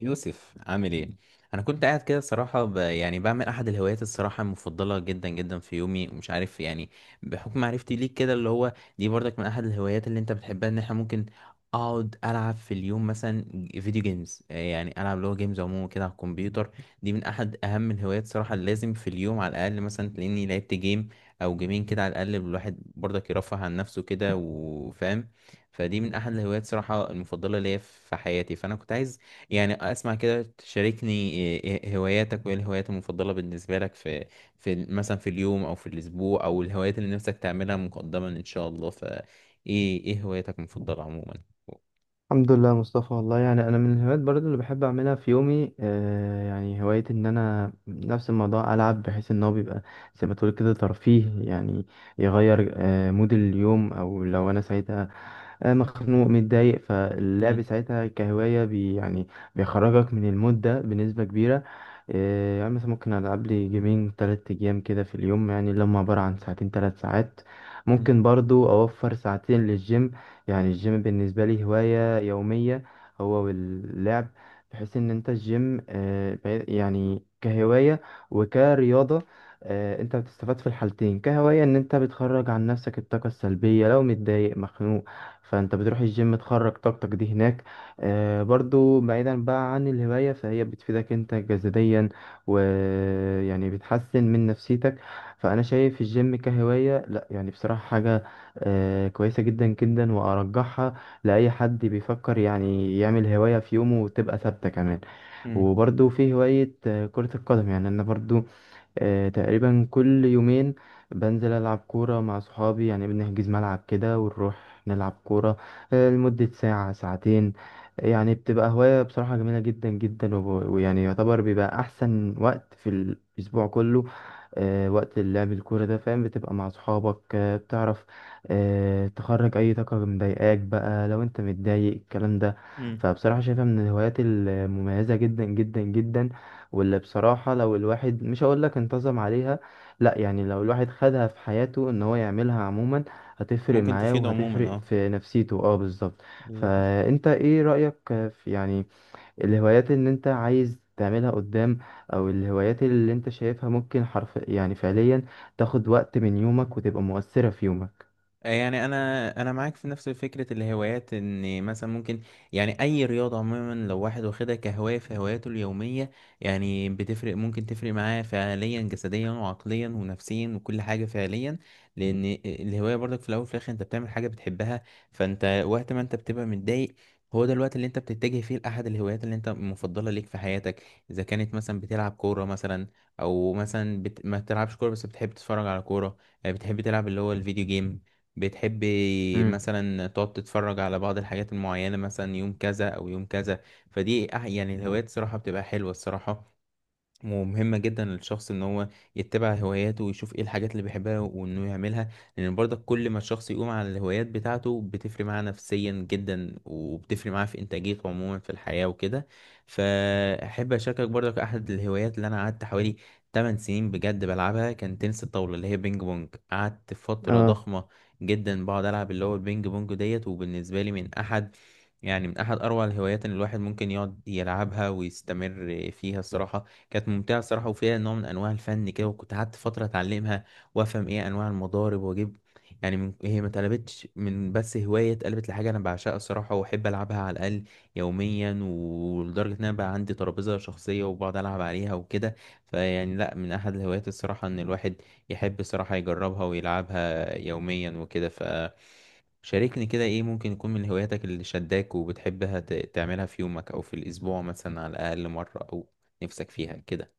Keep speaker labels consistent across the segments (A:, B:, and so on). A: يوسف عامل ايه؟ انا كنت قاعد كده الصراحه ب... يعني بعمل احد الهوايات الصراحه المفضله جدا جدا في يومي ومش عارف يعني بحكم معرفتي ليك كده اللي هو دي برضك من احد الهوايات اللي انت بتحبها ان احنا ممكن اقعد العب في اليوم مثلا فيديو جيمز. آه، يعني العب اللي هو جيمز عموما كده على الكمبيوتر. دي من احد اهم الهوايات صراحه اللي لازم في اليوم على الاقل مثلا تلاقيني لعبت جيم او جيمين كده. على الاقل الواحد برضك يرفه عن نفسه كده وفاهم. فدي من احد الهوايات صراحه المفضله ليا في حياتي. فانا كنت عايز يعني اسمع كده، تشاركني إيه هواياتك وايه الهوايات المفضلة بالنسبة لك في في ال- مثلا في اليوم او في الاسبوع، او الهوايات اللي نفسك تعملها مقدما ان شاء الله. فايه ايه هواياتك المفضلة عموما؟
B: الحمد لله يا مصطفى، والله يعني انا من الهوايات برضو اللي بحب اعملها في يومي يعني هواية ان انا نفس الموضوع العب، بحيث ان هو بيبقى زي ما تقول كده ترفيه يعني، يغير مود اليوم، او لو انا سعيد مخنوق متضايق، فاللعب
A: مم.
B: ساعتها كهواية بي يعني بيخرجك من المود ده بنسبة كبيرة. يعني مثلا ممكن ألعب لي جيمين تلات أيام كده في اليوم، يعني اللي هم عبارة عن ساعتين تلات ساعات،
A: مم.
B: ممكن برضو أوفر ساعتين للجيم. يعني الجيم بالنسبة لي هواية يومية هو واللعب، بحيث إن أنت الجيم يعني كهواية وكرياضة. انت بتستفاد في الحالتين، كهواية ان انت بتخرج عن نفسك الطاقة السلبية لو متضايق مخنوق، فانت بتروح الجيم تخرج طاقتك دي هناك. آه برضو بعيدا بقى عن الهواية، فهي بتفيدك انت جسديا ويعني بتحسن من نفسيتك. فانا شايف الجيم كهواية، لا يعني بصراحة حاجة كويسة جدا جدا، وارجحها لاي حد بيفكر يعني يعمل هواية في يومه وتبقى ثابتة كمان.
A: مم.
B: وبرضو في هواية كرة القدم. يعني انا برضو تقريبا كل يومين بنزل ألعب كورة مع صحابي، يعني بنحجز ملعب كده ونروح نلعب كورة لمدة ساعة ساعتين. يعني بتبقى هواية بصراحة جميلة جدا جدا، ويعني يعتبر بيبقى أحسن وقت في الأسبوع كله وقت اللعب الكورة ده، فاهم؟ بتبقى مع صحابك بتعرف تخرج أي طاقة مضايقاك بقى لو أنت متضايق، الكلام ده.
A: مم.
B: فبصراحة شايفها من الهوايات المميزة جدا جدا جدا، واللي بصراحة لو الواحد مش هقول لك انتظم عليها، لا، يعني لو الواحد خدها في حياته ان هو يعملها عموما هتفرق
A: ممكن
B: معاه،
A: تفيد عموما،
B: وهتفرق
A: اه
B: في نفسيته، اه بالظبط.
A: بالظبط.
B: فانت ايه رأيك في يعني الهوايات اللي انت عايز تعملها قدام، او الهوايات اللي انت شايفها ممكن حرف يعني فعليا تاخد وقت من يومك وتبقى مؤثرة في يومك؟
A: يعني انا معاك في نفس فكره الهوايات، ان مثلا ممكن يعني اي رياضه عموما لو واحد واخدها كهوايه في هواياته اليوميه يعني بتفرق، ممكن تفرق معاه فعليا جسديا وعقليا ونفسيا وكل حاجه فعليا. لان الهوايه برضك في الاول وفي الاخر انت بتعمل حاجه بتحبها. فانت وقت ما انت بتبقى متضايق هو ده الوقت اللي انت بتتجه فيه لاحد الهوايات اللي انت مفضله ليك في حياتك. اذا كانت مثلا بتلعب كوره مثلا، او مثلا ما بتلعبش كوره بس بتحب تتفرج على كوره. آه، بتحب تلعب اللي هو الفيديو جيم، بتحبي
B: امم
A: مثلا تقعد تتفرج على بعض الحاجات المعينة مثلا يوم كذا أو يوم كذا. فدي الهوايات صراحة بتبقى حلوة الصراحة، ومهمة جدا للشخص ان هو يتبع هواياته ويشوف ايه الحاجات اللي بيحبها وانه يعملها. لان برضك كل ما الشخص يقوم على الهوايات بتاعته بتفرق معاه نفسيا جدا، وبتفرق معاه في انتاجيته عموما في الحياة وكده. فاحب اشاركك برضك احد الهوايات اللي انا قعدت حوالي 8 سنين بجد بلعبها، كان تنس الطاولة اللي هي بينج بونج. قعدت فترة
B: اه،
A: ضخمة جدا بقعد العب اللي هو البينج بونج ديت، وبالنسبة لي من احد يعني من احد اروع الهوايات ان الواحد ممكن يقعد يلعبها ويستمر فيها الصراحة. كانت ممتعة الصراحة، وفيها نوع من أنواع الفن كده. وكنت قعدت فترة أتعلمها وأفهم إيه أنواع المضارب وأجيب. يعني هي ما اتقلبتش من بس هواية، اتقلبت لحاجة أنا بعشقها الصراحة وأحب ألعبها على الأقل يوميا. ولدرجة إن أنا بقى عندي ترابيزة شخصية وبقعد ألعب عليها وكده. فيعني لأ، من أحد الهوايات الصراحة إن الواحد يحب الصراحة يجربها ويلعبها يوميا وكده. فشاركني كده إيه ممكن يكون من هواياتك اللي شداك وبتحبها تعملها في يومك أو في الأسبوع مثلا على الأقل مرة، أو نفسك فيها كده.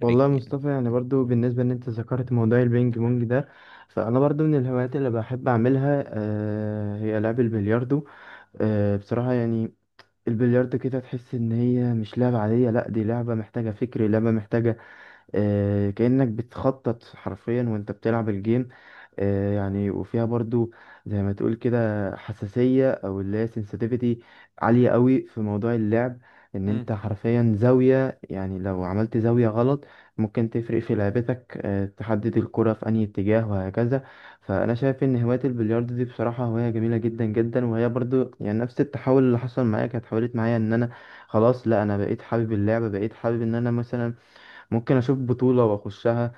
B: والله يا
A: يعني.
B: مصطفى، يعني برضو بالنسبة ان انت ذكرت موضوع البينج بونج ده، فانا برضو من الهوايات اللي بحب اعملها هي لعب البلياردو. بصراحة يعني البلياردو كده تحس ان هي مش لعبة عادية، لا دي لعبة محتاجة فكر، لعبة محتاجة كأنك بتخطط حرفيا وانت بتلعب الجيم. يعني وفيها برضو زي ما تقول كده حساسية، او اللي هي sensitivity عالية قوي في موضوع اللعب. ان
A: مم.
B: انت حرفيا زاوية، يعني لو عملت زاوية غلط ممكن تفرق في لعبتك، تحدد الكرة في أي اتجاه وهكذا. فأنا شايف إن هواية البلياردو دي بصراحة هواية جميلة جدا جدا، وهي برضو يعني نفس التحول اللي حصل معايا، كانت حولت معايا إن أنا خلاص، لا أنا بقيت حابب اللعبة، بقيت حابب إن أنا مثلا ممكن اشوف بطولة واخشها.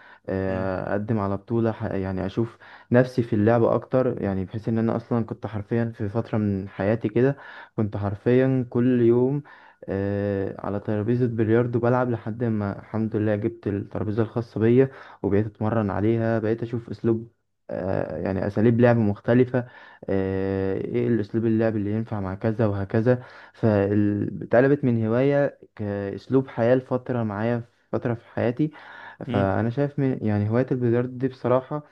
A: مم.
B: اقدم على بطولة، يعني اشوف نفسي في اللعب اكتر، يعني بحيث ان انا اصلا كنت حرفيا في فترة من حياتي كده، كنت حرفيا كل يوم على ترابيزة بلياردو بلعب، لحد ما الحمد لله جبت الترابيزة الخاصة بيا، وبقيت اتمرن عليها، بقيت اشوف اسلوب، يعني اساليب لعب مختلفة، ايه الاسلوب اللعب اللي ينفع مع كذا وهكذا. فاتقلبت من هواية كأسلوب حياة لفترة معايا، فترة في حياتي.
A: مم.
B: فأنا شايف من يعني هواية البلياردو دي بصراحة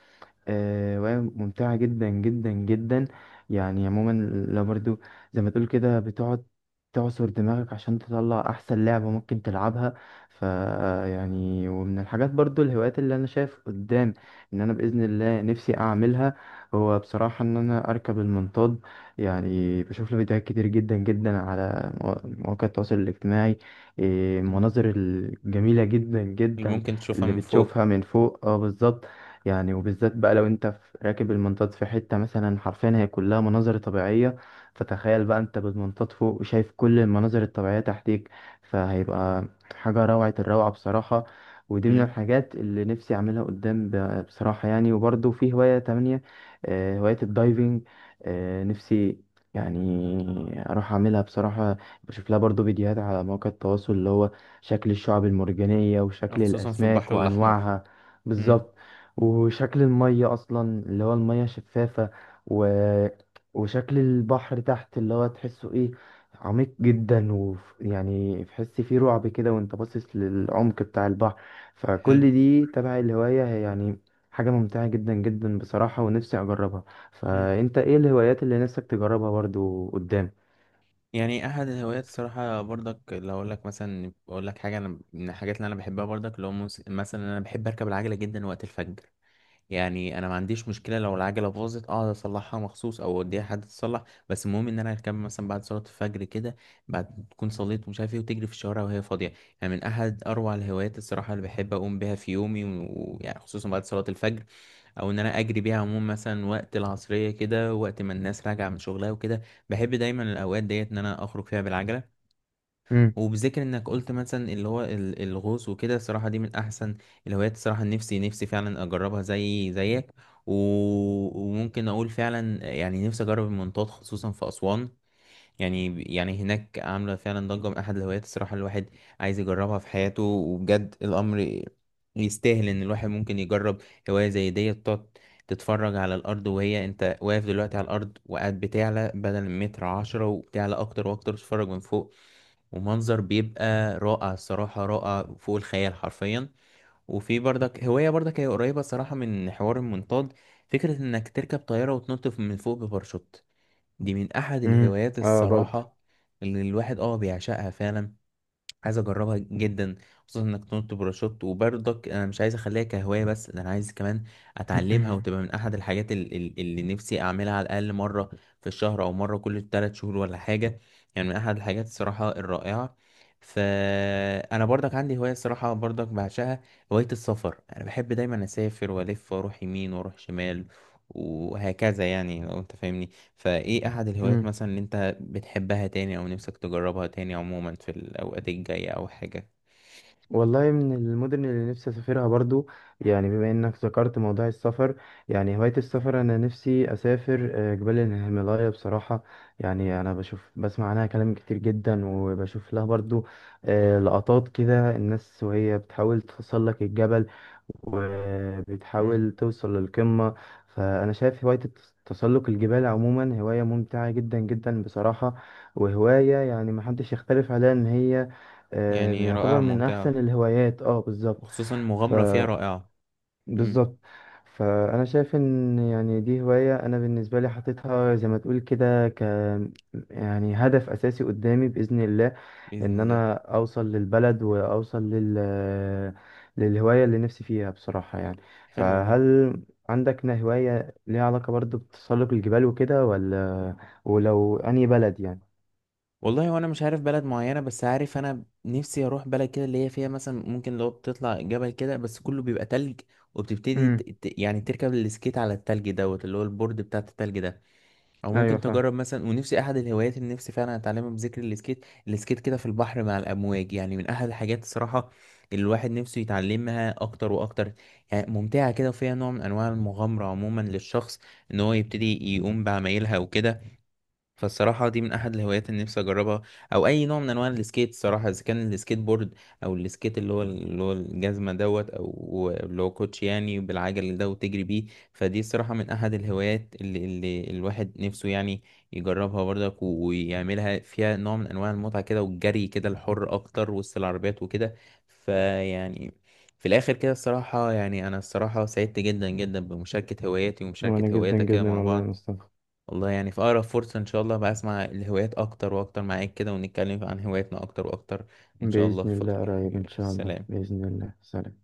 B: وهي ممتعة جدا جدا جدا. يعني عموما لو برضو زي ما تقول كده بتقعد تعصر دماغك عشان تطلع أحسن لعبة ممكن تلعبها. ف يعني ومن الحاجات برضو الهوايات اللي أنا شايف قدام إن أنا بإذن الله نفسي أعملها، هو بصراحة إن أنا أركب المنطاد. يعني بشوف له فيديوهات كتير جدا جدا على مواقع التواصل الاجتماعي. إيه،
A: مم.
B: المناظر الجميلة جدا
A: اللي
B: جدا
A: ممكن تشوفها
B: اللي
A: من فوق.
B: بتشوفها من فوق، اه بالظبط. يعني وبالذات بقى لو انت راكب المنطاد في حتة مثلا حرفيا هي كلها مناظر طبيعية، فتخيل بقى انت بالمنطاد فوق شايف كل المناظر الطبيعية تحتيك، فهيبقى حاجة روعة الروعة بصراحة. ودي من
A: مم.
B: الحاجات اللي نفسي اعملها قدام، بصراحة يعني. وبرضه في هواية تانية هواية الدايفنج. نفسي يعني اروح اعملها بصراحة، بشوف لها برضه فيديوهات على مواقع التواصل، اللي هو شكل الشعب المرجانية،
A: أو
B: وشكل
A: خصوصا في
B: الاسماك
A: البحر الأحمر.
B: وانواعها،
A: مم.
B: بالظبط، وشكل المية أصلا، اللي هو المية شفافة، و... وشكل البحر تحت، اللي هو تحسه إيه، عميق جدا، ويعني تحس فيه رعب كده وأنت باصص للعمق بتاع البحر. فكل
A: حلو.
B: دي تبع الهواية، هي يعني حاجة ممتعة جدا جدا بصراحة، ونفسي أجربها.
A: مم.
B: فأنت إيه الهوايات اللي نفسك تجربها برضو قدام؟
A: يعني أحد الهوايات الصراحة برضك، لو أقول لك مثلا أقول لك حاجة أنا من الحاجات اللي أنا بحبها برضك اللي هو مثلا أنا بحب أركب العجلة جدا وقت الفجر. يعني انا ما عنديش مشكله لو العجله باظت اقعد اصلحها مخصوص او اوديها حد يصلح، بس المهم ان انا اركبها مثلا بعد صلاه الفجر كده، بعد تكون صليت ومش عارف ايه، وتجري في الشوارع وهي فاضيه. يعني من احد اروع الهوايات الصراحه اللي بحب اقوم بيها في يومي. ويعني خصوصا بعد صلاه الفجر، او ان انا اجري بيها عموما مثلا وقت العصريه كده، وقت ما الناس راجعه من شغلها وكده. بحب دايما الاوقات ديت ان انا اخرج فيها بالعجله.
B: امم
A: وبذكر انك قلت مثلا اللي هو الغوص وكده، الصراحه دي من احسن الهوايات الصراحه. نفسي فعلا اجربها زي زيك. و... وممكن اقول فعلا يعني نفسي اجرب المنطاد خصوصا في اسوان. يعني هناك عامله فعلا ضجه، من احد الهوايات الصراحه الواحد عايز يجربها في حياته. وبجد الامر يستاهل ان الواحد ممكن يجرب هوايه زي ديت، تقعد تتفرج على الارض وهي انت واقف دلوقتي على الارض، وقاعد بتعلى بدل متر عشرة وبتعلى اكتر واكتر تتفرج من فوق. ومنظر بيبقى رائع الصراحة، رائع فوق الخيال حرفيا. وفي برضك هواية برضك هي قريبة صراحة من حوار المنطاد، فكرة انك تركب طيارة وتنط من فوق بباراشوت. دي من احد
B: امم
A: الهوايات
B: اه برضه.
A: الصراحة اللي الواحد اه بيعشقها فعلا، عايز اجربها جدا. خصوصا انك تنط باراشوت. وبرضك انا مش عايز اخليها كهوايه بس، ده انا عايز كمان اتعلمها وتبقى من احد الحاجات اللي نفسي اعملها على الاقل مره في الشهر، او مره كل 3 شهور ولا حاجه. يعني من احد الحاجات الصراحه الرائعه. فانا برضك عندي هوايه الصراحه برضك بعشقها، هوايه السفر. انا بحب دايما اسافر، والف واروح يمين واروح شمال وهكذا، يعني لو انت فاهمني. فايه احد الهوايات
B: مم.
A: مثلا اللي انت بتحبها تاني، أو نفسك تجربها تاني عموما في الأوقات الجاية أو حاجة؟
B: والله من المدن اللي نفسي اسافرها برضو، يعني بما انك ذكرت موضوع السفر، يعني هواية السفر انا نفسي اسافر جبال الهيمالايا بصراحة. يعني انا بشوف بسمع عنها كلام كتير جدا، وبشوف لها برضو لقطات كده الناس وهي بتحاول تتسلق الجبل،
A: مم.
B: وبتحاول توصل للقمة. فأنا شايف هواية تسلق الجبال عموما هواية ممتعة جدا جدا بصراحة، وهواية يعني محدش يختلف عليها إن هي
A: يعني
B: يعتبر
A: رائعة
B: من احسن
A: ممتعة،
B: الهوايات، اه بالظبط.
A: وخصوصا
B: ف
A: المغامرة فيها رائعة. مم.
B: بالظبط. فانا شايف ان يعني دي هواية انا بالنسبة لي حاططها زي ما تقول كده يعني هدف اساسي قدامي باذن الله
A: بإذن
B: ان
A: الله.
B: انا اوصل للبلد، واوصل للهواية اللي نفسي فيها بصراحة يعني.
A: حلو والله.
B: فهل عندك هواية ليها علاقة برضو بتسلق الجبال وكده، ولا؟ ولو انهي بلد يعني؟
A: والله وأنا مش عارف بلد معينة، بس عارف أنا نفسي أروح بلد كده اللي هي فيها مثلا ممكن لو بتطلع جبل كده بس كله بيبقى تلج، وبتبتدي
B: امم
A: يعني تركب السكيت على التلج دوت اللي هو البورد بتاع التلج ده. او
B: ايوه
A: ممكن
B: فاهم.
A: تجرب مثلا، ونفسي احد الهوايات اللي نفسي فعلا اتعلمها بذكر السكيت، السكيت كده في البحر مع الامواج، يعني من احد الحاجات الصراحه اللي الواحد نفسه يتعلمها اكتر واكتر. يعني ممتعه كده وفيها نوع من انواع المغامره عموما للشخص ان هو يبتدي يقوم بعمايلها وكده. فالصراحة دي من أحد الهوايات اللي نفسي أجربها، أو أي نوع من أنواع السكيت الصراحة، إذا كان السكيت بورد أو السكيت اللي هو اللي هو الجزمة دوت أو اللي هو كوتش يعني بالعجل ده وتجري بيه. فدي الصراحة من أحد الهوايات اللي الواحد نفسه يعني يجربها برضك ويعملها، فيها نوع من أنواع المتعة كده، والجري كده الحر أكتر وسط العربيات وكده. فيعني في الآخر كده الصراحة، يعني أنا الصراحة سعدت جدا جدا بمشاركة هواياتي
B: وانا
A: ومشاركة
B: جدا
A: هواياتك كده
B: جدا،
A: مع
B: والله يا
A: بعض.
B: مصطفى.
A: والله يعني في أقرب فرصة إن شاء الله بقى أسمع الهوايات أكتر وأكتر معاك كده، ونتكلم عن هواياتنا أكتر وأكتر إن شاء الله
B: بإذن
A: في الفترة
B: الله،
A: الجاية.
B: قريب إن
A: حبيبي
B: شاء الله،
A: سلام.
B: بإذن الله، سلام.